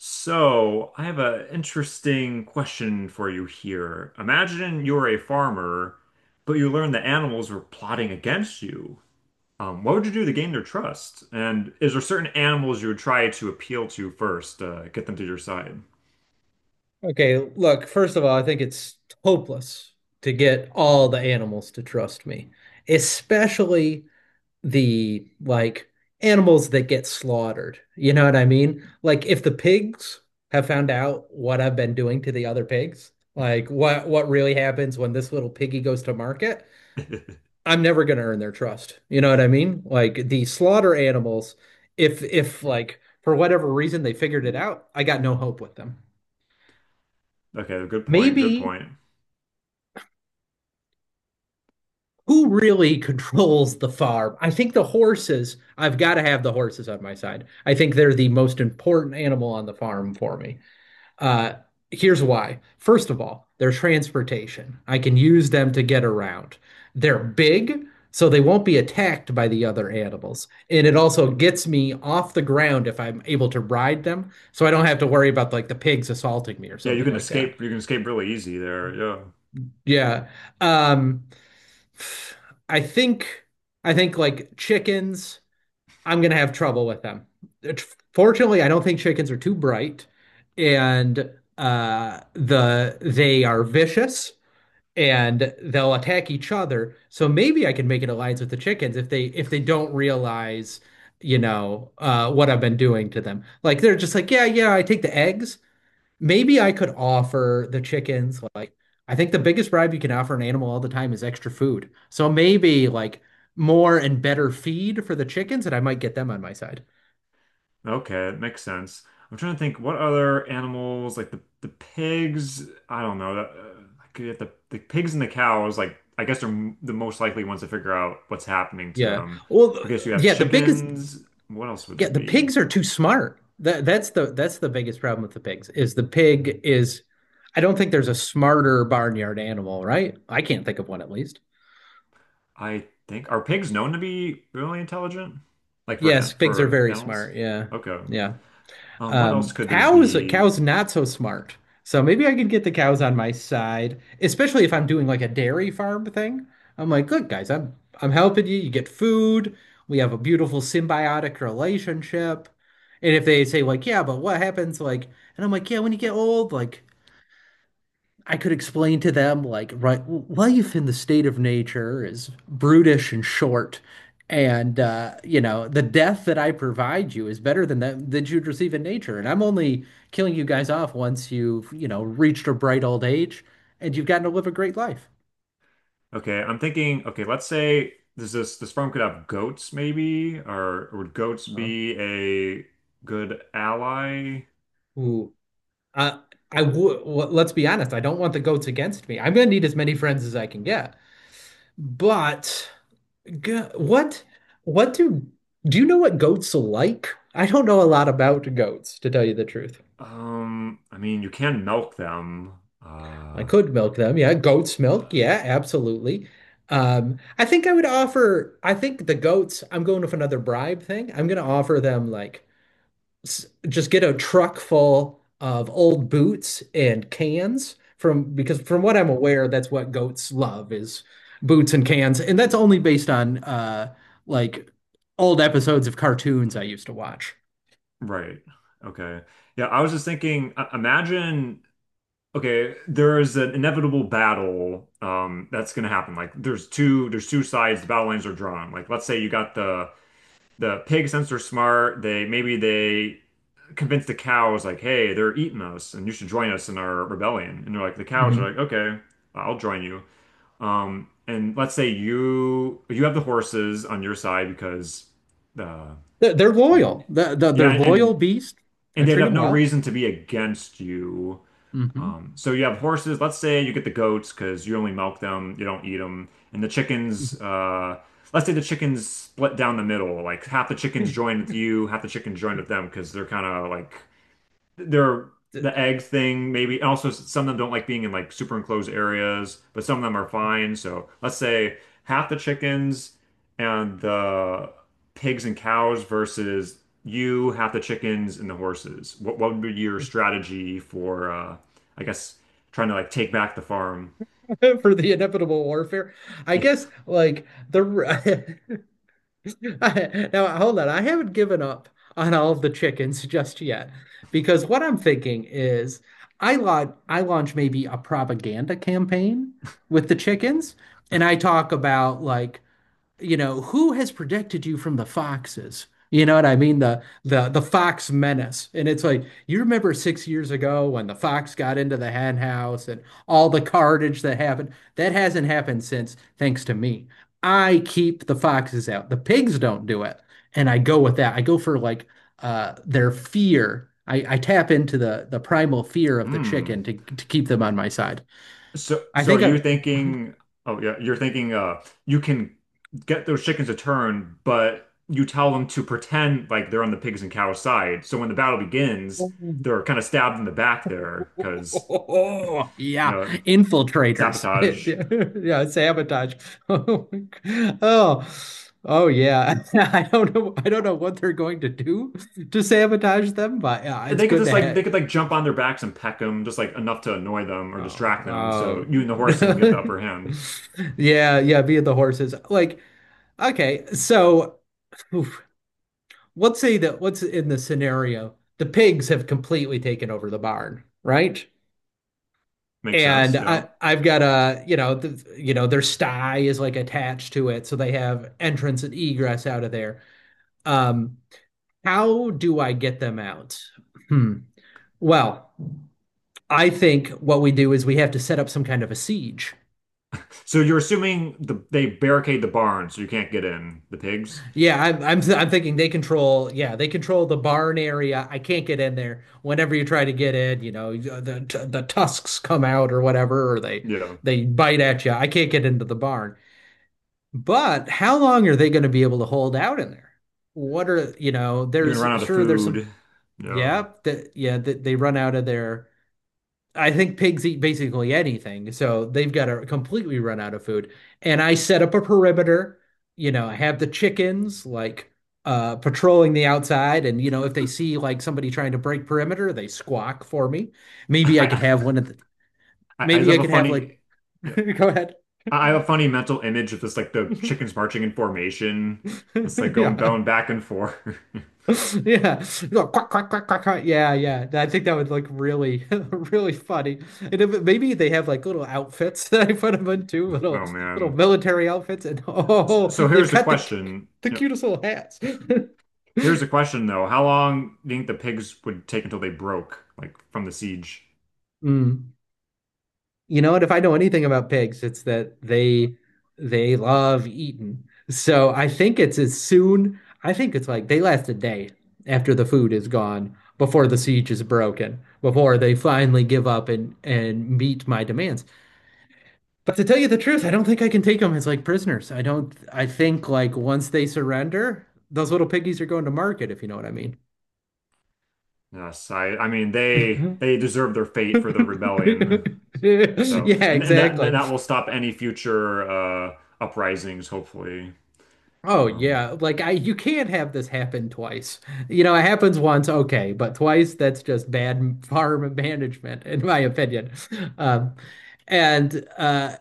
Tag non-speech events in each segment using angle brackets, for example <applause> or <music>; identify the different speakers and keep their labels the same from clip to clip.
Speaker 1: So, I have an interesting question for you here. Imagine you're a farmer, but you learn the animals were plotting against you. What would you do to gain their trust? And is there certain animals you would try to appeal to first, get them to your side?
Speaker 2: Okay, look, first of all, I think it's hopeless to get all the animals to trust me, especially the like animals that get slaughtered. You know what I mean? Like if the pigs have found out what I've been doing to the other pigs, like what really happens when this little piggy goes to market,
Speaker 1: <laughs>
Speaker 2: I'm never gonna earn their trust. You know what I mean? Like the slaughter animals, if like for whatever reason they figured it out, I got no hope with them.
Speaker 1: Okay, good point. Good
Speaker 2: Maybe
Speaker 1: point.
Speaker 2: who really <laughs> controls the farm? I think the horses, I've got to have the horses on my side. I think they're the most important animal on the farm for me. Uh, Here's why. First of all, their transportation. I can use them to get around. They're big, so they won't be attacked by the other animals. And it also gets me off the ground if I'm able to ride them, so I don't have to worry about like the pigs assaulting me or
Speaker 1: Yeah, you
Speaker 2: something
Speaker 1: can
Speaker 2: like that.
Speaker 1: escape. You can escape really easy there. Yeah.
Speaker 2: Yeah. Um, I think I think like chickens, I'm gonna have trouble with them. It- Fortunately, I don't think chickens are too bright, and they are vicious and they'll attack each other. So maybe I can make an alliance with the chickens if they don't realize, what I've been doing to them. Like they're just like, yeah, yeah, I take the eggs. Maybe I could offer the chickens, like, I think the biggest bribe you can offer an animal all the time is extra food. So maybe like more and better feed for the chickens, and I might get them on my side.
Speaker 1: Okay, it makes sense. I'm trying to think what other animals like the pigs. I don't know. That, like you have the pigs and the cows. Like I guess they're m the most likely ones to figure out what's happening to
Speaker 2: Yeah.
Speaker 1: them.
Speaker 2: Well,
Speaker 1: Okay, so you have
Speaker 2: yeah,
Speaker 1: chickens. What else would there
Speaker 2: the
Speaker 1: be?
Speaker 2: pigs are too smart. That's the biggest problem with the pigs is the pig is, I don't think there's a smarter barnyard animal, right? I can't think of one at least.
Speaker 1: I think are pigs known to be really intelligent? Like for
Speaker 2: Yes,
Speaker 1: ant
Speaker 2: pigs are
Speaker 1: for
Speaker 2: very
Speaker 1: animals?
Speaker 2: smart. Yeah.
Speaker 1: Okay.
Speaker 2: Yeah.
Speaker 1: What else could there
Speaker 2: Cows,
Speaker 1: be?
Speaker 2: cows not so smart. So maybe I could get the cows on my side, especially if I'm doing like a dairy farm thing. I'm like, look, guys, I'm helping you. You get food. We have a beautiful symbiotic relationship. And if they say like, yeah, but what happens, like, and I'm like, yeah, when you get old, like I could explain to them, like, right, life in the state of nature is brutish and short, and the death that I provide you is better than that than you'd receive in nature, and I'm only killing you guys off once you've reached a bright old age and you've gotten to live a great life.
Speaker 1: Okay, I'm thinking, okay, let's say this firm could have goats maybe, or would goats
Speaker 2: Huh?
Speaker 1: be a good ally?
Speaker 2: Ooh, I I would. Well, let's be honest. I don't want the goats against me. I'm gonna need as many friends as I can get. But Go what do do you know what goats are like? I don't know a lot about goats, to tell you the truth.
Speaker 1: I mean, you can milk them.
Speaker 2: I
Speaker 1: Uh,
Speaker 2: could milk them. Yeah, goat's milk.
Speaker 1: uh,
Speaker 2: Yeah, absolutely. I think I would offer, I think the goats, I'm going with another bribe thing. I'm going to offer them like just get a truck full of old boots and cans from because from what I'm aware, that's what goats love is boots and cans, and that's only based on like old episodes of cartoons I used to watch.
Speaker 1: right. Okay. Yeah, I was just thinking, imagine, okay, there is an inevitable battle that's gonna happen. Like there's two sides, the battle lines are drawn. Like let's say you got the pigs since they're smart, they maybe they convince the cows like, hey, they're eating us and you should join us in our rebellion. And they're like, the cows are
Speaker 2: Hmm.
Speaker 1: like, okay, I'll join you. And let's say you have the horses on your side because the I
Speaker 2: They're
Speaker 1: mean,
Speaker 2: loyal. They're
Speaker 1: yeah,
Speaker 2: loyal beast. I
Speaker 1: and they'd
Speaker 2: treat
Speaker 1: have
Speaker 2: them
Speaker 1: no
Speaker 2: well.
Speaker 1: reason to be against you.
Speaker 2: Hmm.
Speaker 1: So you have horses. Let's say you get the goats because you only milk them, you don't eat them, and the chickens.
Speaker 2: <laughs>
Speaker 1: Let's say the chickens split down the middle. Like half the chickens join with you, half the chickens join with them because they're kind of like they're the egg thing maybe and also some of them don't like being in like super enclosed areas but some of them are fine so let's say half the chickens and the pigs and cows versus you half the chickens and the horses what would be your strategy for I guess trying to like take back the farm.
Speaker 2: For the inevitable warfare, I guess like the <laughs> <laughs> now, hold on. I haven't given up on all of the chickens <laughs> just yet, because what I'm thinking is I launch maybe a propaganda campaign with the chickens, and I talk about, like, who has protected you from the foxes? You know what I mean? The fox menace. And it's like, you remember 6 years ago when the fox got into the hen house and all the carnage that happened? That hasn't happened since, thanks to me. I keep the foxes out. The pigs don't do it. And I go with that. I go for like their fear. I tap into the primal fear
Speaker 1: <laughs>
Speaker 2: of the
Speaker 1: Hmm.
Speaker 2: chicken to keep them on my side.
Speaker 1: So,
Speaker 2: I
Speaker 1: so are
Speaker 2: think I.
Speaker 1: you thinking? Oh yeah, you're thinking. You can get those chickens to turn, but you tell them to pretend like they're on the pigs and cows side. So when the battle begins, they're kind of stabbed in the back there because
Speaker 2: Oh,
Speaker 1: you
Speaker 2: yeah,
Speaker 1: know
Speaker 2: infiltrators.
Speaker 1: sabotage.
Speaker 2: <laughs> Yeah, sabotage. <laughs> Oh, oh yeah. <laughs> I don't know what they're going to do to sabotage them, but yeah, it's
Speaker 1: They could
Speaker 2: good
Speaker 1: just
Speaker 2: to
Speaker 1: like they
Speaker 2: have.
Speaker 1: could like jump on their backs and peck them just like enough to annoy them or
Speaker 2: Oh,
Speaker 1: distract them.
Speaker 2: oh.
Speaker 1: So you and the horse can get the
Speaker 2: <laughs>
Speaker 1: upper hand.
Speaker 2: Yeah, yeah. Be the horses. Like, okay, so, oof, let's say that what's in the scenario? The pigs have completely taken over the barn, right?
Speaker 1: Makes
Speaker 2: And
Speaker 1: sense, yeah.
Speaker 2: I've got a, the, their sty is like attached to it, so they have entrance and egress out of there. Um, how do I get them out? Hmm. Well, I think what we do is we have to set up some kind of a siege.
Speaker 1: So you're assuming the they barricade the barn so you can't get in. The pigs,
Speaker 2: Yeah, I'm thinking they control. Yeah, they control the barn area. I can't get in there. Whenever you try to get in, the tusks come out or whatever, or they
Speaker 1: yeah.
Speaker 2: they bite at you. I can't get into the barn. But how long are they going to be able to hold out in there? What are, you know,
Speaker 1: You're gonna
Speaker 2: there's
Speaker 1: run out of
Speaker 2: sure there's some,
Speaker 1: food, yeah.
Speaker 2: yeah, that they run out of their, I think pigs eat basically anything. So they've got to completely run out of food. And I set up a perimeter, I have the chickens like patrolling the outside. And, if they see like somebody trying to break perimeter, they squawk for me. Maybe I could
Speaker 1: I
Speaker 2: have one of the,
Speaker 1: I just
Speaker 2: maybe
Speaker 1: have
Speaker 2: I
Speaker 1: a
Speaker 2: could have, like,
Speaker 1: funny yeah.
Speaker 2: <laughs> go ahead.
Speaker 1: I have a funny mental image of this like the chickens
Speaker 2: <laughs>
Speaker 1: marching in formation. It's like going
Speaker 2: Yeah.
Speaker 1: bowing back and forth. <laughs>
Speaker 2: <laughs> Yeah. No, quack, quack, quack, quack, quack. Yeah, yeah. I think that would look really, <laughs> really funny. And if, maybe they have like little outfits <laughs> that I put them into, little
Speaker 1: Oh
Speaker 2: little
Speaker 1: man.
Speaker 2: military outfits, and <laughs>
Speaker 1: S-
Speaker 2: oh,
Speaker 1: So
Speaker 2: they've
Speaker 1: here's the
Speaker 2: got the cu-
Speaker 1: question.
Speaker 2: the
Speaker 1: Yep.
Speaker 2: cutest little hats. <laughs>
Speaker 1: Here's the question though. How long do you think the pigs would take until they broke, like from the siege?
Speaker 2: Mm. You know what? If I know anything about pigs, it's that they love eating. So I think it's as soon, I think it's like they last a day after the food is gone, before the siege is broken, before they finally give up and meet my demands. But to tell you the truth, I don't think I can take them as like prisoners. I don't, I think like once they surrender, those little piggies are going to market, if you know what I mean.
Speaker 1: Yes, I mean they deserve their fate for their rebellion.
Speaker 2: <laughs>
Speaker 1: So
Speaker 2: Yeah,
Speaker 1: and
Speaker 2: exactly.
Speaker 1: that will stop any future uprisings, hopefully.
Speaker 2: Oh
Speaker 1: Um
Speaker 2: yeah, like I you can't have this happen twice. You know, it happens once, okay, but twice, that's just bad farm management, in my opinion. Um, and uh,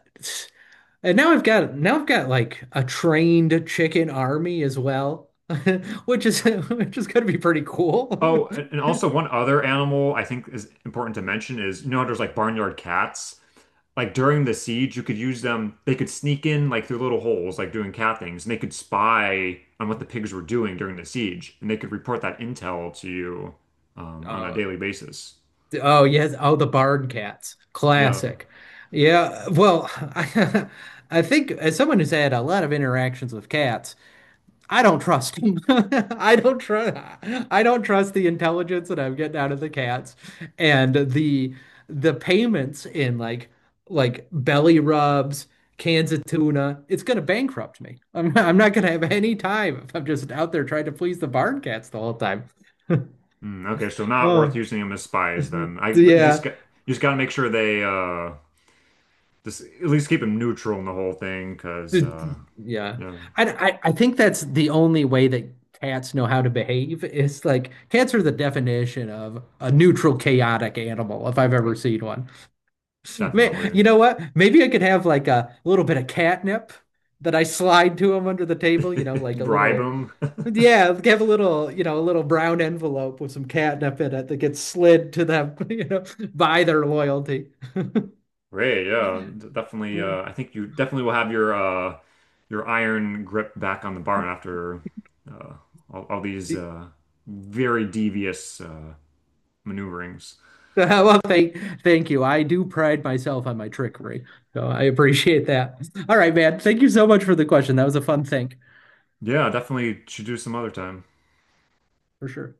Speaker 2: and now I've got, like a trained chicken army as well, <laughs> which is <laughs> which is gonna be pretty cool. <laughs>
Speaker 1: Oh, and also one other animal I think is important to mention is, you know, there's like barnyard cats. Like during the siege, you could use them. They could sneak in like through little holes, like doing cat things, and they could spy on what the pigs were doing during the siege, and they could report that intel to you on a
Speaker 2: Oh,
Speaker 1: daily basis.
Speaker 2: oh yes, oh the barn cats,
Speaker 1: Yeah.
Speaker 2: classic. Yeah, well, <laughs> I think, as someone who's had a lot of interactions with cats, I don't trust him. <laughs> I don't trust the intelligence that I'm getting out of the cats, and the payments in like belly rubs, cans of tuna. It's gonna bankrupt me. I'm not gonna have any time if I'm just out there trying to please the barn cats the whole time.
Speaker 1: Mm, okay, so not worth
Speaker 2: Oh,
Speaker 1: using them as spies
Speaker 2: <laughs>
Speaker 1: then. I but you just
Speaker 2: yeah.
Speaker 1: got you just gotta make sure they just at least keep them neutral in the whole thing, because
Speaker 2: Yeah.
Speaker 1: yeah,
Speaker 2: I, I think that's the only way that cats know how to behave. It's like cats are the definition of a neutral, chaotic animal, if I've ever seen one.
Speaker 1: definitely.
Speaker 2: You know what? Maybe I could have like a little bit of catnip that I slide to them under the table, you know,
Speaker 1: <laughs>
Speaker 2: like a
Speaker 1: Bribe
Speaker 2: little,
Speaker 1: them.
Speaker 2: yeah, have a little, a little brown envelope with some catnip in it that gets slid to them, <laughs> by their loyalty.
Speaker 1: Great, yeah, d- definitely. I think you definitely will have your iron grip back on the barn after uh, all these very devious maneuverings.
Speaker 2: <laughs> Well, thank you. I do pride myself on my trickery, so I appreciate that. All right, man. Thank you so much for the question. That was a fun thing,
Speaker 1: Yeah, definitely should do some other time.
Speaker 2: for sure.